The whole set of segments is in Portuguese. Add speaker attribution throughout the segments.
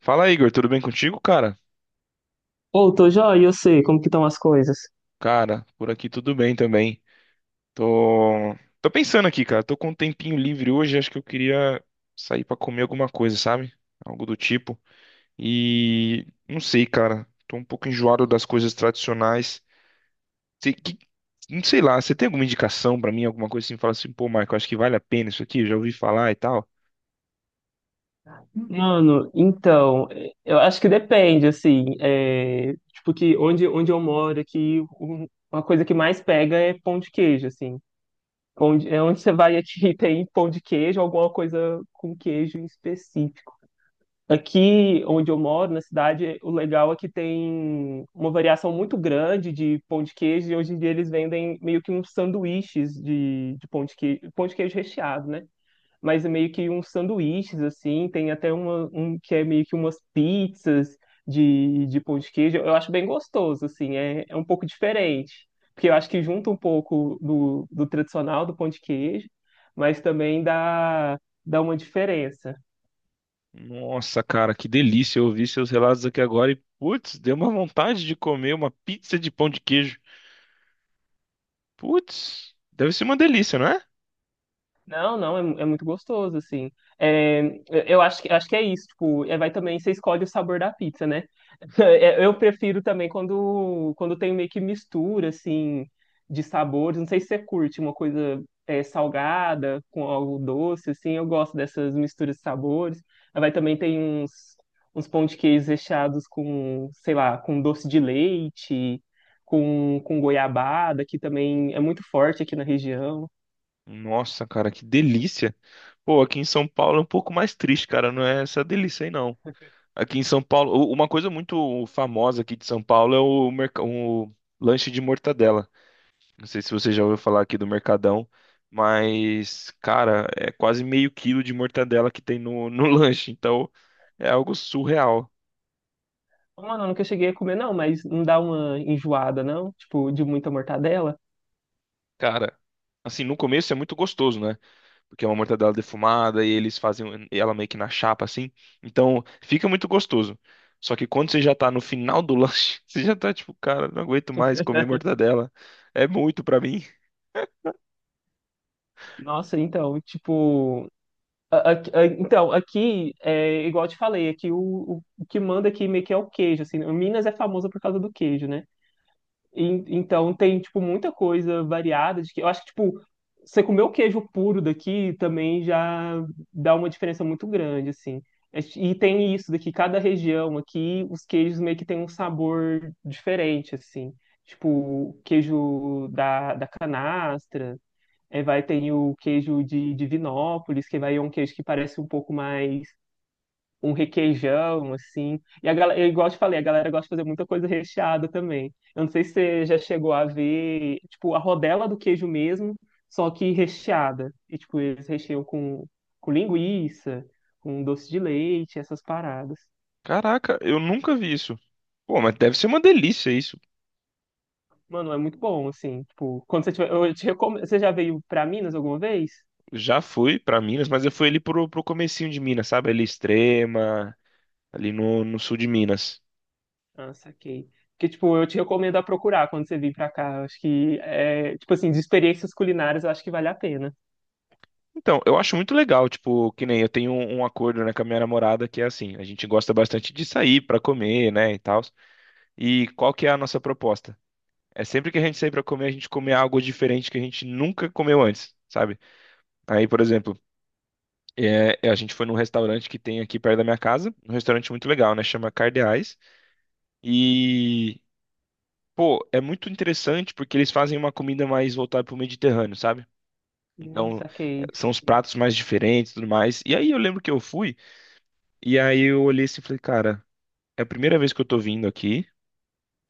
Speaker 1: Fala, Igor, tudo bem contigo, cara?
Speaker 2: Ô, tô joia, eu sei como que estão as coisas.
Speaker 1: Cara, por aqui tudo bem também. Tô, tô pensando aqui, cara. Tô com um tempinho livre hoje, acho que eu queria sair pra comer alguma coisa, sabe? Algo do tipo. E não sei, cara. Tô um pouco enjoado das coisas tradicionais. Sei que- Não sei lá, você tem alguma indicação pra mim, alguma coisa assim, fala assim, pô, Michael, acho que vale a pena isso aqui, eu já ouvi falar e tal.
Speaker 2: Mano, então, eu acho que depende, assim, tipo que onde eu moro aqui, uma coisa que mais pega é pão de queijo, assim. É onde você vai aqui tem pão de queijo, alguma coisa com queijo em específico. Aqui onde eu moro, na cidade, o legal é que tem uma variação muito grande de pão de queijo e hoje em dia eles vendem meio que uns sanduíches de pão de queijo recheado, né? Mas é meio que uns sanduíches, assim, tem até uma, um que é meio que umas pizzas de pão de queijo. Eu acho bem gostoso, assim, é um pouco diferente, porque eu acho que junta um pouco do tradicional do pão de queijo, mas também dá, dá uma diferença.
Speaker 1: Nossa, cara, que delícia. Eu ouvi seus relatos aqui agora e, putz, deu uma vontade de comer uma pizza de pão de queijo. Putz, deve ser uma delícia, não é?
Speaker 2: Não, não, é muito gostoso, assim. É, eu acho que é isso, tipo, é, vai também, você escolhe o sabor da pizza, né? É, eu prefiro também quando tem meio que mistura, assim, de sabores. Não sei se você curte uma coisa é, salgada com algo doce, assim, eu gosto dessas misturas de sabores. Aí vai também tem uns, uns pão de queijo recheados com, sei lá, com doce de leite, com goiabada, que também é muito forte aqui na região.
Speaker 1: Nossa, cara, que delícia. Pô, aqui em São Paulo é um pouco mais triste, cara. Não é essa delícia aí, não. Aqui em São Paulo, uma coisa muito famosa aqui de São Paulo é o lanche de mortadela. Não sei se você já ouviu falar aqui do Mercadão, mas, cara, é quase meio quilo de mortadela que tem no lanche. Então, é algo surreal.
Speaker 2: Mano, eu nunca cheguei a comer, não, mas não dá uma enjoada, não? Tipo, de muita mortadela?
Speaker 1: Cara, assim, no começo é muito gostoso, né? Porque é uma mortadela defumada e eles fazem ela meio que na chapa assim. Então, fica muito gostoso. Só que quando você já tá no final do lanche, você já tá tipo, cara, não aguento mais comer mortadela. É muito pra mim.
Speaker 2: Nossa, então, tipo. Então, aqui, é, igual eu te falei, aqui o que manda aqui meio que é o queijo, assim, né? Minas é famosa por causa do queijo, né? Então tem, tipo, muita coisa variada de que eu acho que, tipo, você comer o queijo puro daqui também já dá uma diferença muito grande, assim. É, e tem isso daqui, cada região aqui, os queijos meio que tem um sabor diferente, assim. Tipo, o queijo da canastra, vai ter o queijo de Divinópolis, que vai é um queijo que parece um pouco mais um requeijão, assim. E a galera, igual eu te falei, a galera gosta de fazer muita coisa recheada também. Eu não sei se você já chegou a ver, tipo, a rodela do queijo mesmo, só que recheada. E, tipo, eles recheiam com linguiça, com doce de leite, essas paradas.
Speaker 1: Caraca, eu nunca vi isso. Pô, mas deve ser uma delícia isso.
Speaker 2: Mano, é muito bom, assim, tipo, quando você tiver, eu te recomendo, você já veio pra Minas alguma vez?
Speaker 1: Já fui pra Minas, mas eu fui ali pro comecinho de Minas, sabe? Ali Extrema, ali no sul de Minas.
Speaker 2: Ah, saquei. Que, tipo, eu te recomendo a procurar quando você vir pra cá. Eu acho que, é, tipo assim, de experiências culinárias, eu acho que vale a pena.
Speaker 1: Então, eu acho muito legal, tipo, que nem eu tenho um acordo, né, com a minha namorada que é assim, a gente gosta bastante de sair pra comer, né, e tal. E qual que é a nossa proposta? É sempre que a gente sair para comer, a gente comer algo diferente que a gente nunca comeu antes, sabe? Aí, por exemplo, a gente foi num restaurante que tem aqui perto da minha casa, um restaurante muito legal, né? Chama Cardeais. E, pô, é muito interessante porque eles fazem uma comida mais voltada pro Mediterrâneo, sabe? Então, é,
Speaker 2: Saquei.
Speaker 1: são os pratos mais diferentes e tudo mais. E aí eu lembro que eu fui, e aí eu olhei assim e falei, cara, é a primeira vez que eu tô vindo aqui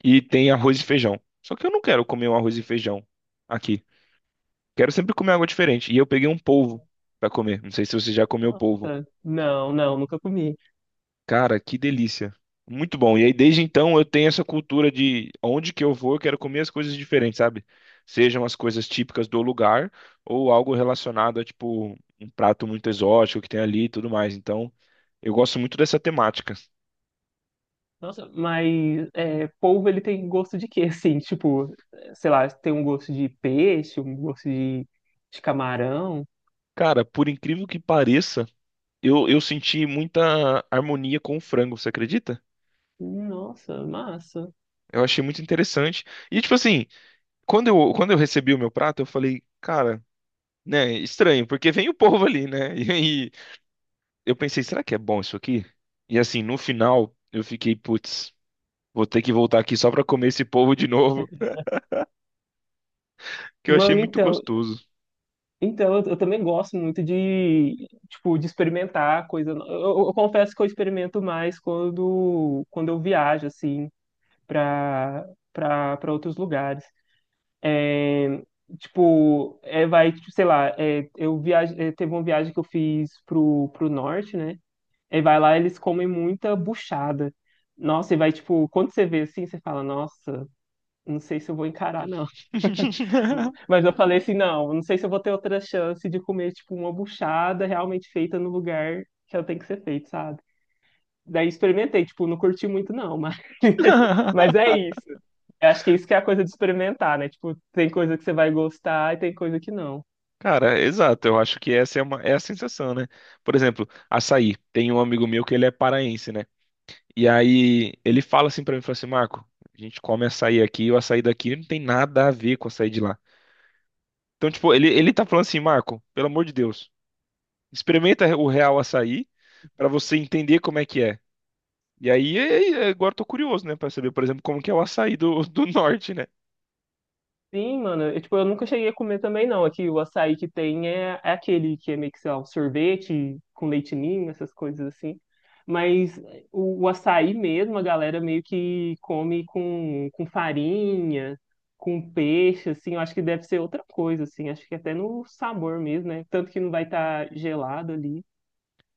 Speaker 1: e tem arroz e feijão. Só que eu não quero comer um arroz e feijão aqui. Quero sempre comer algo diferente. E eu peguei um polvo pra comer. Não sei se você já comeu polvo.
Speaker 2: Nossa, não, não, nunca comi.
Speaker 1: Cara, que delícia. Muito bom. E aí, desde então, eu tenho essa cultura de onde que eu vou, eu quero comer as coisas diferentes, sabe? Sejam as coisas típicas do lugar ou algo relacionado a, tipo, um prato muito exótico que tem ali e tudo mais. Então, eu gosto muito dessa temática.
Speaker 2: Nossa, mas é, polvo ele tem gosto de quê? Assim, tipo, sei lá, tem um gosto de peixe, um gosto de camarão.
Speaker 1: Cara, por incrível que pareça, eu senti muita harmonia com o frango, você acredita?
Speaker 2: Nossa, massa.
Speaker 1: Eu achei muito interessante. E, tipo assim. Quando eu recebi o meu prato, eu falei, cara, né, estranho, porque vem o povo ali, né? E aí eu pensei, será que é bom isso aqui? E assim, no final, eu fiquei, putz, vou ter que voltar aqui só pra comer esse povo de novo, que eu achei
Speaker 2: Mano,
Speaker 1: muito
Speaker 2: então,
Speaker 1: gostoso.
Speaker 2: então eu também gosto muito de, tipo, de experimentar coisa. Eu, confesso que eu experimento mais quando eu viajo, assim, pra, pra outros lugares. É, tipo, é, vai, tipo, sei lá, é, eu viaje, é, teve uma viagem que eu fiz pro, pro norte, né? Aí vai lá, eles comem muita buchada. Nossa, e vai, tipo, quando você vê assim, você fala, nossa, não sei se eu vou encarar, não. Mas eu falei assim, não, não sei se eu vou ter outra chance de comer, tipo, uma buchada realmente feita no lugar que ela tem que ser feita, sabe? Daí experimentei, tipo, não curti muito, não, mas, mas é isso. Eu acho que isso que é a coisa de experimentar, né? Tipo, tem coisa que você vai gostar e tem coisa que não.
Speaker 1: Cara, exato, eu acho que essa é uma, é a sensação, né? Por exemplo, açaí. Tem um amigo meu que ele é paraense, né? E aí ele fala assim pra mim, fala assim, Marco, a gente come açaí aqui, e o açaí daqui não tem nada a ver com o açaí de lá. Então, tipo, ele tá falando assim, Marco, pelo amor de Deus, experimenta o real açaí pra você entender como é que é. E aí, agora eu tô curioso, né, pra saber, por exemplo, como que é o açaí do norte, né?
Speaker 2: Sim, mano. Eu, tipo, eu nunca cheguei a comer também, não. Aqui o açaí que tem é, é aquele que é meio que, sei lá, um sorvete com leite ninho, essas coisas assim. Mas o açaí mesmo, a galera meio que come com farinha, com peixe, assim. Eu acho que deve ser outra coisa, assim. Acho que até no sabor mesmo, né? Tanto que não vai estar gelado ali.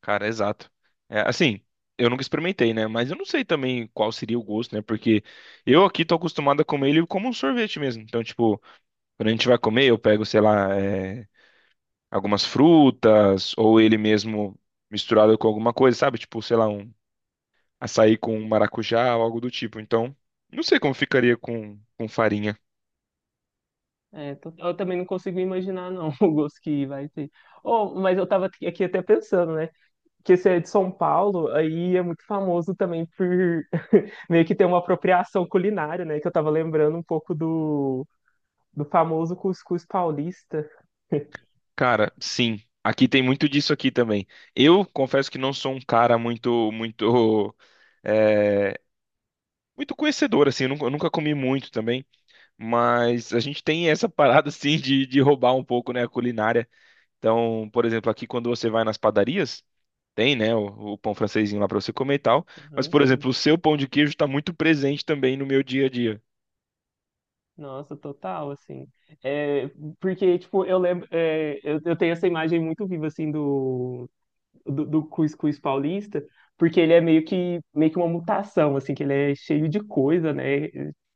Speaker 1: Cara, exato. É, assim, eu nunca experimentei, né, mas eu não sei também qual seria o gosto, né, porque eu aqui tô acostumado a comer ele como um sorvete mesmo. Então, tipo, quando a gente vai comer, eu pego, sei lá, é, algumas frutas ou ele mesmo misturado com alguma coisa, sabe? Tipo, sei lá, um açaí com maracujá ou algo do tipo. Então, não sei como ficaria com farinha.
Speaker 2: É, eu também não consigo imaginar, não, o gosto que vai ter. Oh, mas eu tava aqui até pensando, né? Que esse é de São Paulo, aí é muito famoso também por meio que ter uma apropriação culinária, né? Que eu tava lembrando um pouco do famoso cuscuz paulista.
Speaker 1: Cara, sim, aqui tem muito disso aqui também. Eu confesso que não sou um cara é, muito conhecedor, assim, eu nunca comi muito também, mas a gente tem essa parada, assim, de roubar um pouco, né, a culinária. Então, por exemplo, aqui quando você vai nas padarias, tem, né, o pão francesinho lá pra você comer e tal, mas,
Speaker 2: Aham,
Speaker 1: por
Speaker 2: sim.
Speaker 1: exemplo, o seu pão de queijo tá muito presente também no meu dia a dia.
Speaker 2: Nossa, total, assim. É, porque, tipo, eu lembro, é, eu tenho essa imagem muito viva, assim, do cuscuz paulista, porque ele é meio que uma mutação, assim, que ele é cheio de coisa, né,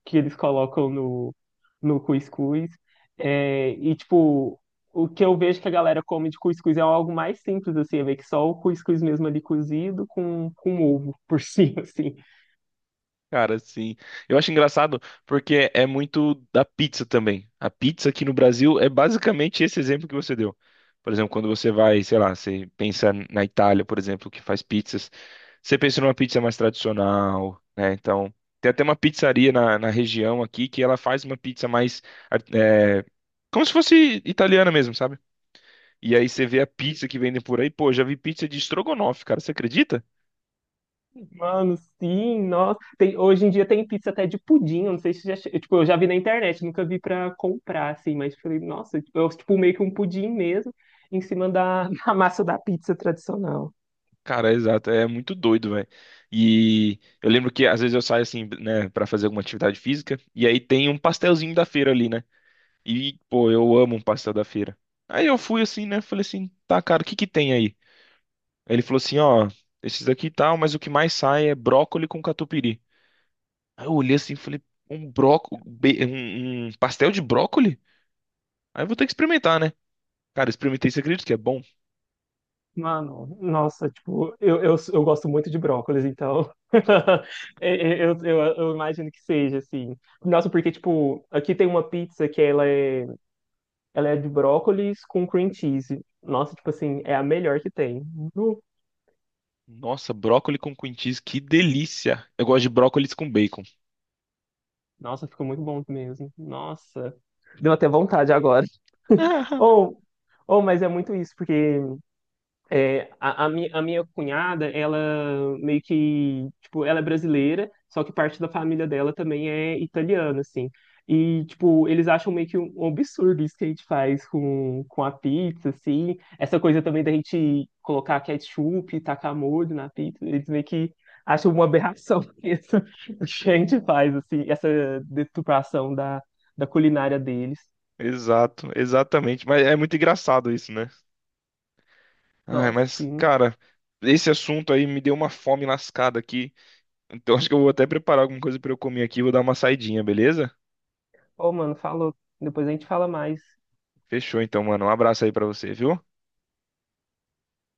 Speaker 2: que eles colocam no cuscuz. É, e, tipo, o que eu vejo que a galera come de cuscuz é algo mais simples, assim, é meio que só o cuscuz mesmo ali cozido com ovo por cima, assim.
Speaker 1: Cara, sim. Eu acho engraçado porque é muito da pizza também. A pizza aqui no Brasil é basicamente esse exemplo que você deu. Por exemplo, quando você vai, sei lá, você pensa na Itália, por exemplo, que faz pizzas, você pensa numa pizza mais tradicional, né? Então, tem até uma pizzaria na região aqui que ela faz uma pizza mais, é, como se fosse italiana mesmo, sabe? E aí você vê a pizza que vendem por aí, pô, já vi pizza de estrogonofe, cara, você acredita?
Speaker 2: Mano, sim, nossa. Tem, hoje em dia tem pizza até de pudim, eu não sei se já. Tipo, eu já vi na internet, nunca vi pra comprar, assim, mas falei, nossa, tipo, eu, tipo, meio que um pudim mesmo, em cima da massa da pizza tradicional.
Speaker 1: Cara, exato, é muito doido, velho. E eu lembro que às vezes eu saio assim, né, pra fazer alguma atividade física, e aí tem um pastelzinho da feira ali, né? E, pô, eu amo um pastel da feira. Aí eu fui assim, né, falei assim, tá, cara, o que que tem aí? Aí ele falou assim, ó, esses aqui e tal, mas o que mais sai é brócoli com catupiry. Aí eu olhei assim, e falei, um bróco, um pastel de brócoli? Aí eu vou ter que experimentar, né? Cara, experimentei, você acredita que é bom?
Speaker 2: Mano, nossa, tipo, eu gosto muito de brócolis, então. Eu imagino que seja, assim. Nossa, porque, tipo, aqui tem uma pizza que ela é de brócolis com cream cheese. Nossa, tipo assim, é a melhor que tem.
Speaker 1: Nossa, brócoli com cream cheese, que delícia! Eu gosto de brócolis com bacon.
Speaker 2: Nossa, ficou muito bom mesmo. Nossa, deu até vontade agora. Ou, ou, mas é muito isso, porque é, a minha cunhada, ela meio que, tipo, ela é brasileira, só que parte da família dela também é italiana, assim. E, tipo, eles acham meio que um absurdo isso que a gente faz com a pizza, assim. Essa coisa também da gente colocar ketchup e tacar molho na pizza, eles meio que acham uma aberração isso que a gente faz, assim, essa deturpação da, da culinária deles.
Speaker 1: Exato, exatamente. Mas é muito engraçado isso, né? Ai,
Speaker 2: Nossa,
Speaker 1: mas,
Speaker 2: sim.
Speaker 1: cara, esse assunto aí me deu uma fome lascada aqui. Então acho que eu vou até preparar alguma coisa pra eu comer aqui. Vou dar uma saidinha, beleza?
Speaker 2: Ô, mano, falou. Depois a gente fala mais.
Speaker 1: Fechou então, mano. Um abraço aí pra você, viu?